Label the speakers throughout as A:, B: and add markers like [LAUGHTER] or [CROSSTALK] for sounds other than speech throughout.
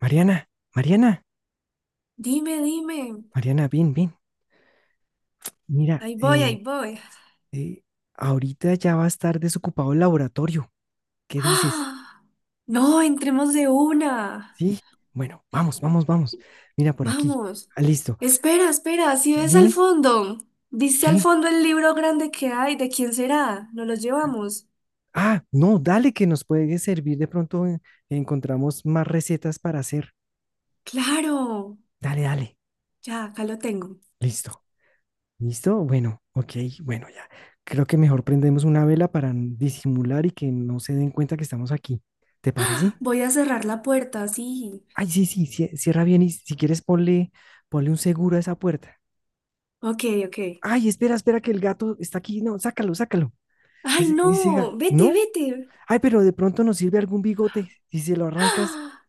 A: Mariana, Mariana,
B: Dime, dime.
A: Mariana, bien, bien. Mira,
B: Ahí voy, ahí voy. [GASPS]
A: eh, ahorita ya va a estar desocupado el laboratorio. ¿Qué dices?
B: ¡Ah! No, entremos de una.
A: Sí, bueno, vamos, vamos, vamos. Mira por aquí.
B: Vamos.
A: Ah, listo.
B: Espera, espera. Si ves al
A: Dime,
B: fondo, dice al
A: ¿qué?
B: fondo el libro grande que hay. ¿De quién será? ¿Nos lo llevamos?
A: Ah, no, dale que nos puede servir. De pronto encontramos más recetas para hacer.
B: Claro.
A: Dale, dale.
B: Ya, acá lo tengo.
A: Listo. ¿Listo? Bueno, ok, bueno, ya. Creo que mejor prendemos una vela para disimular y que no se den cuenta que estamos aquí. ¿Te parece?
B: Voy a cerrar la puerta, sí.
A: Ay, sí, sí, cierra bien y si quieres ponle, ponle un seguro a esa puerta.
B: Ok, ok.
A: Ay, espera, espera que el gato está aquí. No, sácalo, sácalo.
B: Ay,
A: Ese,
B: no.
A: ese ga-
B: Vete,
A: ¿no?
B: vete.
A: Ay, pero de pronto nos sirve algún bigote. Si se lo
B: [GASPS]
A: arrancas,
B: ¡Ah!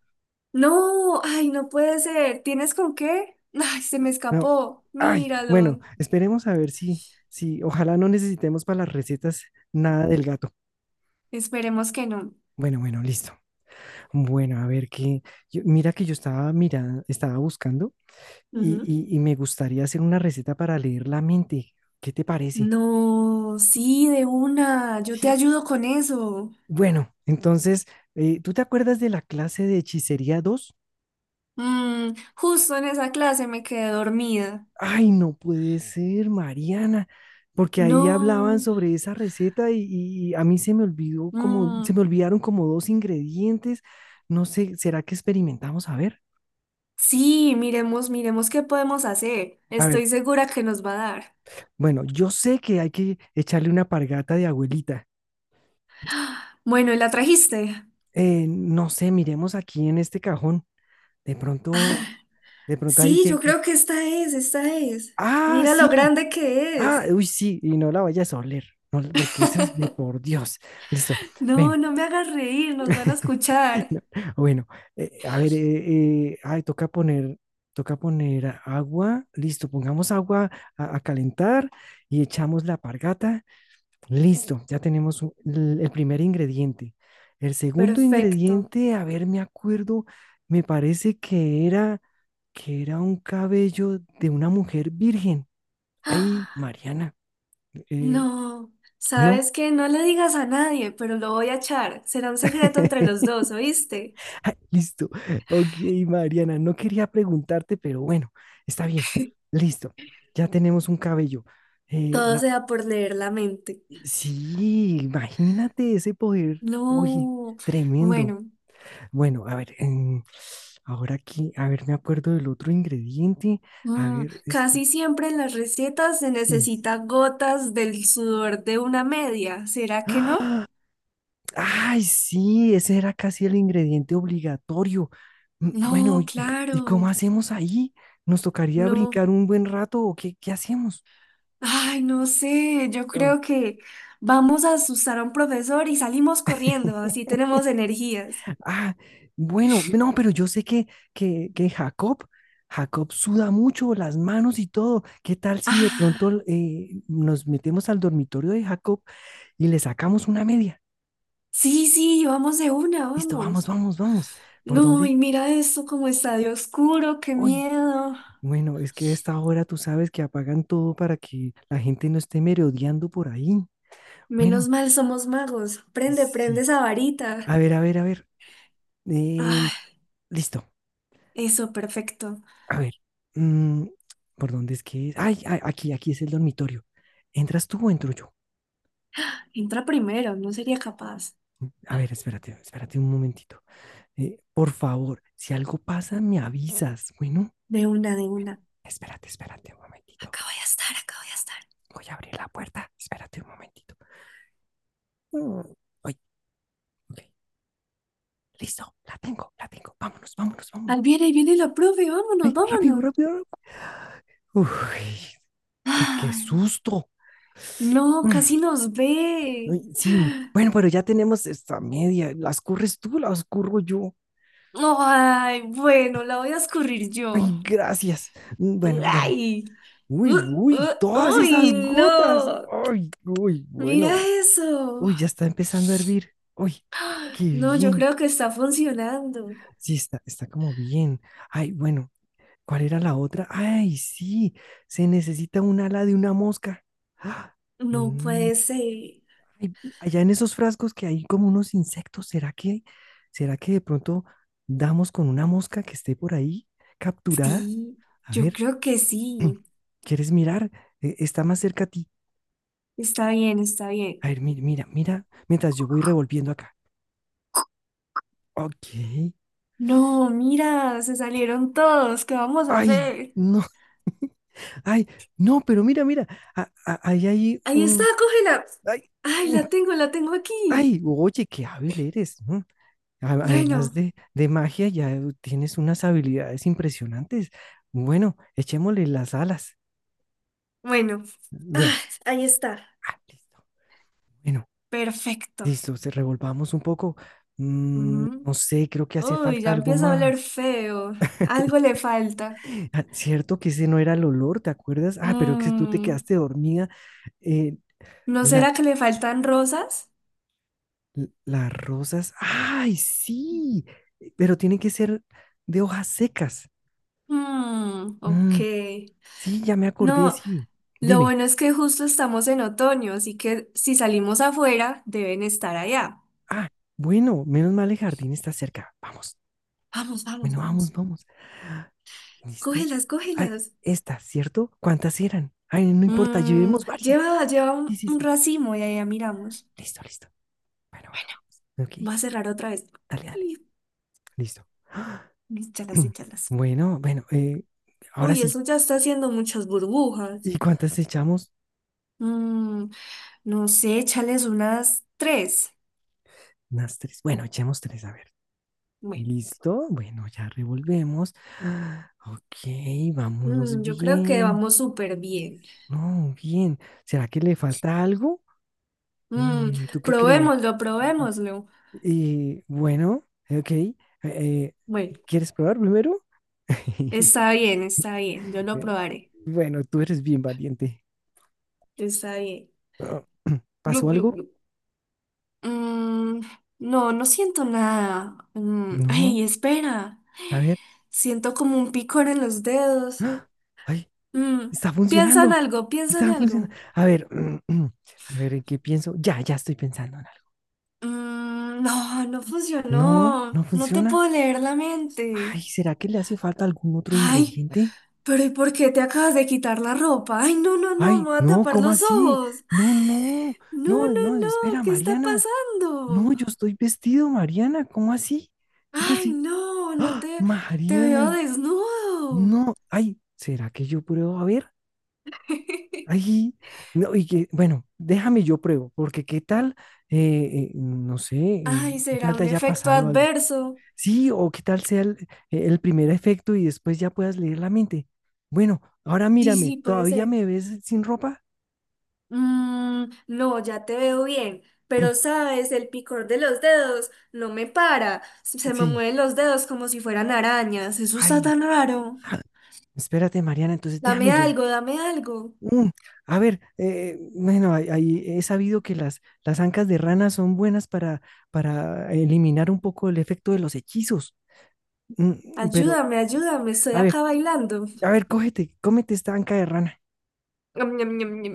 B: No, ay, no puede ser. ¿Tienes con qué? Ay, se me
A: no.
B: escapó.
A: Ay, bueno,
B: Míralo.
A: esperemos a ver si, ojalá no necesitemos para las recetas nada del gato.
B: Esperemos que no.
A: Bueno, bueno, listo. Bueno, a ver qué. Mira que yo estaba mirando, estaba buscando y,
B: Ujú.
A: y me gustaría hacer una receta para leer la mente. ¿Qué te parece?
B: No, sí, de una, yo te
A: Sí.
B: ayudo con eso.
A: Bueno, entonces, ¿tú te acuerdas de la clase de hechicería 2?
B: Mm, justo en esa clase me quedé dormida.
A: Ay, no puede ser, Mariana, porque ahí hablaban
B: No.
A: sobre esa receta y a mí se
B: Mm,
A: me olvidaron como dos ingredientes. No sé, ¿será que experimentamos? A ver,
B: sí, miremos, miremos qué podemos hacer.
A: a ver.
B: Estoy segura que nos va a dar.
A: Bueno, yo sé que hay que echarle una pargata de abuelita.
B: Bueno, ¿y la trajiste?
A: No sé, miremos aquí en este cajón. De pronto, de pronto ahí
B: Sí,
A: que,
B: yo
A: que...
B: creo que esta es.
A: Ah,
B: Mira lo
A: sí,
B: grande que
A: ah,
B: es.
A: uy, sí, y no la vayas a oler, no, porque esas de
B: [LAUGHS]
A: por Dios. Listo,
B: No,
A: ven.
B: no me hagas reír, nos van a
A: [LAUGHS]
B: escuchar.
A: No, bueno, a ver, ay, toca poner agua. Listo, pongamos agua a calentar y echamos la pargata. Listo, ya tenemos el primer ingrediente. El segundo
B: Perfecto.
A: ingrediente, a ver, me acuerdo, me parece que era un cabello de una mujer virgen. Ay, Mariana, eh,
B: No,
A: ¿no?
B: sabes que no le digas a nadie, pero lo voy a echar. Será un secreto entre los dos,
A: [LAUGHS]
B: ¿oíste?
A: Ay, listo. Ok, Mariana, no quería preguntarte, pero bueno, está bien. Listo. Ya tenemos un cabello. Eh,
B: Todo
A: la...
B: sea por leer la mente.
A: Sí, imagínate ese poder. Oye,
B: No,
A: tremendo.
B: bueno,
A: Bueno, a ver, ahora aquí, a ver, me acuerdo del otro ingrediente. A
B: mm,
A: ver,
B: casi siempre en las recetas se
A: sí.
B: necesita gotas del sudor de una media. ¿Será que no?
A: [GASPS] Ay, sí, ese era casi el ingrediente obligatorio. Bueno,
B: No,
A: ¿y
B: claro,
A: cómo hacemos ahí? ¿Nos tocaría
B: no.
A: brincar un buen rato o qué hacemos?
B: Ay, no sé, yo
A: Lol.
B: creo que vamos a asustar a un profesor y salimos corriendo, así
A: [LAUGHS]
B: tenemos energías.
A: Ah, bueno, no, pero yo sé que Jacob suda mucho las manos y todo. ¿Qué tal si de
B: Ah.
A: pronto nos metemos al dormitorio de Jacob y le sacamos una media?
B: Sí, sí, vamos de una,
A: Listo, vamos,
B: vamos.
A: vamos, vamos. ¿Por
B: No, y
A: dónde?
B: mira esto como está de oscuro, qué
A: Uy,
B: miedo.
A: bueno, es que a esta hora tú sabes que apagan todo para que la gente no esté merodeando por ahí.
B: Menos
A: Bueno,
B: mal somos magos. Prende, prende
A: sí.
B: esa varita.
A: A ver, a ver, a ver. Eh,
B: Ah,
A: Listo.
B: eso, perfecto.
A: A ver. mm, ¿Por dónde es que es? Ay, aquí es el dormitorio. ¿Entras tú o entro yo?
B: Entra primero, no sería capaz.
A: A ver, espérate, espérate un momentito. Por favor, si algo pasa, me avisas. Bueno,
B: De una, de una.
A: espérate, espérate un momentito.
B: Acá voy a estar, acá voy a estar.
A: Voy a abrir la puerta. Espérate un momentito. Mm, Ay, ok. Listo, la tengo, la tengo. Vámonos, vámonos, vámonos.
B: Ahí viene la profe, vámonos,
A: ¡Ay, rápido,
B: vámonos.
A: rápido, rápido! Uy, uy, qué
B: Ay,
A: susto.
B: no,
A: Mm,
B: casi nos ve.
A: Uy, sí, bueno, pero ya tenemos esta media. ¿Las curres tú, las curro yo?
B: Ay, bueno, la voy a escurrir
A: Ay,
B: yo.
A: gracias. Bueno, dale.
B: Ay,
A: Uy,
B: uh,
A: uy, todas esas
B: uy,
A: gotas.
B: no.
A: Ay, uy,
B: Mira
A: bueno.
B: eso.
A: Uy, ya está empezando a hervir. Uy, qué
B: No, yo
A: bien.
B: creo que está funcionando.
A: Sí, está como bien. Ay, bueno, ¿cuál era la otra? Ay, sí, se necesita un ala de una mosca. [GASPS] ¡Ah!
B: No puede ser.
A: Ay, allá en esos frascos que hay como unos insectos, ¿será que de pronto damos con una mosca que esté por ahí capturada?
B: Sí,
A: A
B: yo
A: ver,
B: creo que sí.
A: [CLEARS THROAT] ¿quieres mirar? Está más cerca a ti.
B: Está bien, está
A: A
B: bien.
A: ver, mira, mira, mira, mientras yo voy revolviendo acá. Ok.
B: No, mira, se salieron todos. ¿Qué vamos a
A: Ay,
B: hacer?
A: no, [LAUGHS] ay, no, pero mira, mira, ahí hay
B: Ahí está, cógela.
A: ay,
B: Ay,
A: un-
B: la tengo aquí.
A: ay, oye, qué hábil eres, ¿no? A-
B: Bueno,
A: Además de, de magia, ya tienes unas habilidades impresionantes. Bueno, echémosle las alas.
B: bueno. Ah,
A: Bueno,
B: ahí está.
A: ah, listo. Bueno,
B: Perfecto.
A: listo, se revolvamos un poco. No
B: Mm.
A: sé, creo que hace
B: Uy,
A: falta
B: ya
A: algo
B: empieza a oler
A: más.
B: feo. Algo le falta.
A: Ah, cierto que ese no era el olor, ¿te acuerdas? Ah, pero que tú te
B: Mm,
A: quedaste dormida. Eh,
B: ¿no
A: la,
B: será que le faltan rosas?
A: las rosas. ¡Ay, sí! Pero tiene que ser de hojas secas.
B: Mm, ok.
A: Mm, sí, ya me acordé,
B: No,
A: sí.
B: lo
A: Dime.
B: bueno es que justo estamos en otoño, así que si salimos afuera, deben estar allá.
A: Ah, bueno, menos mal el jardín está cerca. Vamos,
B: Vamos, vamos,
A: bueno, vamos,
B: vamos.
A: vamos. ¿Listo?
B: Cógelas,
A: Ay,
B: cógelas.
A: esta, ¿cierto? ¿Cuántas eran? Ay, no importa,
B: Mm,
A: llevemos varias.
B: lleva, lleva
A: Sí,
B: un,
A: sí,
B: un
A: sí.
B: racimo y allá miramos.
A: Listo, listo. Bueno, bueno, vamos. Ok,
B: Va a cerrar otra vez.
A: dale, dale.
B: Y-
A: Listo.
B: Échalas,
A: [CLEARS THROAT]
B: échalas.
A: Bueno, bueno, ahora
B: Uy,
A: sí.
B: eso ya está haciendo muchas burbujas.
A: ¿Y cuántas echamos?
B: Mm, no sé, échales unas tres.
A: Unas tres. Bueno, echemos tres, a ver.
B: Bueno,
A: Listo. Bueno, ya revolvemos. Ah, ok, vamos
B: mm, yo creo que
A: bien.
B: vamos súper bien.
A: No, bien. ¿Será que le falta algo?
B: Mm,
A: ¿Tú qué crees?
B: probémoslo, probémoslo.
A: Y bueno, ok. Eh,
B: Bueno,
A: ¿Quieres probar primero? [LAUGHS]
B: está bien, yo lo
A: Eh,
B: probaré.
A: Bueno, tú eres bien valiente.
B: Está bien.
A: Ah, [CLEARS THROAT] ¿Pasó
B: Gluc, gluc,
A: algo?
B: gluc. Mm, no, no siento nada. Mm,
A: No.
B: ay, espera.
A: A ver.
B: Siento como un picor en los dedos.
A: ¡Ah! ¡Ay!
B: Mm,
A: Está
B: piensa en
A: funcionando.
B: algo, piensa en
A: Está funcionando.
B: algo.
A: A ver. [CLEARS THROAT] A ver, ¿en qué pienso? Ya estoy pensando en algo.
B: Mm, no, no
A: No, no
B: funcionó. No te
A: funciona.
B: puedo leer la mente.
A: Ay, ¿será que le hace falta algún otro
B: Ay,
A: ingrediente?
B: pero ¿y por qué te acabas de quitar la ropa? Ay, no, no, no, me
A: Ay,
B: voy a
A: no,
B: tapar
A: ¿cómo
B: los
A: así?
B: ojos.
A: No, no,
B: No,
A: no, no,
B: no, no,
A: espera,
B: ¿qué está
A: Mariana. No,
B: pasando?
A: yo estoy vestido, Mariana. ¿Cómo así? ¿Cómo
B: Ay,
A: así?
B: no, no
A: ¡Ah!
B: te, te veo
A: Mariana.
B: desnudo.
A: No, ay, ¿será que yo pruebo? A ver,
B: [LAUGHS]
A: ay, no, y que, bueno, déjame yo pruebo, porque qué tal, no sé,
B: Ay,
A: qué
B: será
A: tal te
B: un
A: haya
B: efecto
A: pasado algo.
B: adverso.
A: Sí, o qué tal sea el primer efecto y después ya puedas leer la mente. Bueno, ahora
B: Sí,
A: mírame,
B: sí, puede
A: ¿todavía
B: ser.
A: me ves sin ropa?
B: Mm, no, ya te veo bien, pero
A: [CLEARS THROAT]
B: sabes, el picor de los dedos no me para. Se me
A: Sí,
B: mueven los dedos como si fueran arañas. Eso está
A: ay,
B: tan raro.
A: ah, espérate, Mariana, entonces
B: Dame
A: déjame yo.
B: algo, dame algo.
A: Mm, a ver, bueno, ahí he sabido que las ancas de rana son buenas para eliminar un poco el efecto de los hechizos. Pero,
B: Ayúdame, ayúdame, estoy
A: a ver,
B: acá bailando.
A: a ver, cógete, cómete esta anca de rana.
B: Ñam, ñam, ñam, ñam.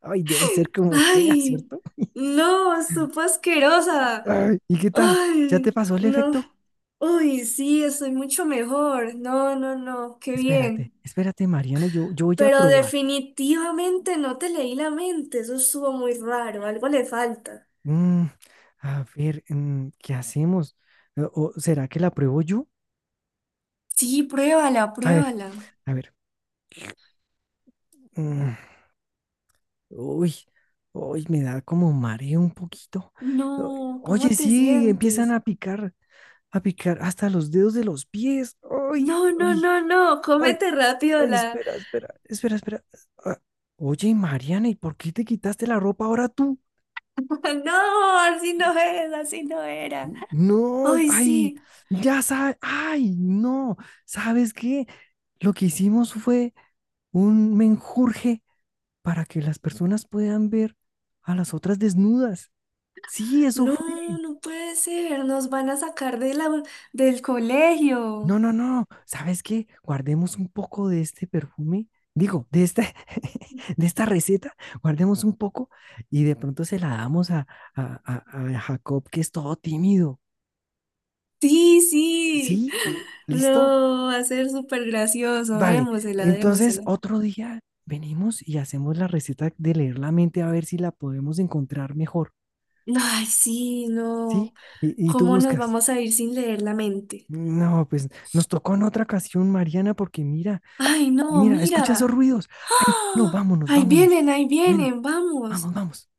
A: Ay, debe ser como fea,
B: Ay,
A: ¿cierto?
B: no, supo asquerosa.
A: Ay, ¿y qué tal? ¿Ya te
B: Ay,
A: pasó el
B: no.
A: efecto?
B: Uy, sí, estoy mucho mejor. No, no, no, qué
A: Espérate,
B: bien.
A: espérate, Mariana, yo voy a
B: Pero
A: probar.
B: definitivamente no te leí la mente. Eso estuvo muy raro. Algo le falta.
A: Mm, a ver, ¿qué hacemos? ¿O será que la pruebo yo?
B: Sí, pruébala,
A: A ver,
B: pruébala.
A: a ver. mm, Uy, uy, me da como mareo un poquito. O-
B: No,
A: Oye,
B: ¿cómo te
A: sí, empiezan
B: sientes?
A: a picar hasta los dedos de los pies. Uy,
B: No, no,
A: uy,
B: no, no,
A: ay,
B: cómete rápido
A: ay,
B: la.
A: espera, espera, espera, espera. Ah, oye, Mariana, ¿y por qué te quitaste la ropa ahora tú?
B: [LAUGHS] No, así no es, así no era.
A: No,
B: Ay,
A: ay,
B: sí.
A: ya sabes, ay, no, ¿sabes qué? Lo que hicimos fue un menjurje para que las personas puedan ver a las otras desnudas. Sí, eso fue.
B: No, no puede ser. Nos van a sacar de la, del colegio.
A: No, no, no. ¿Sabes qué? Guardemos un poco de este perfume. Digo, [LAUGHS] de esta receta, guardemos un poco y de pronto se la damos a Jacob, que es todo tímido.
B: Sí, sí.
A: ¿Sí? ¿Listo?
B: No, va a ser súper gracioso.
A: Vale.
B: Démosela,
A: Entonces,
B: démosela.
A: otro día venimos y hacemos la receta de leer la mente a ver si la podemos encontrar mejor.
B: Ay, sí, no.
A: ¿Sí? Y tú
B: ¿Cómo nos
A: buscas.
B: vamos a ir sin leer la mente?
A: No, pues nos tocó en otra ocasión, Mariana, porque mira.
B: Ay, no,
A: Mira, escucha esos
B: mira.
A: ruidos. Ay, no,
B: ¡Ah!
A: vámonos, vámonos.
B: Ahí
A: Bueno,
B: vienen, vamos.
A: vamos, vamos.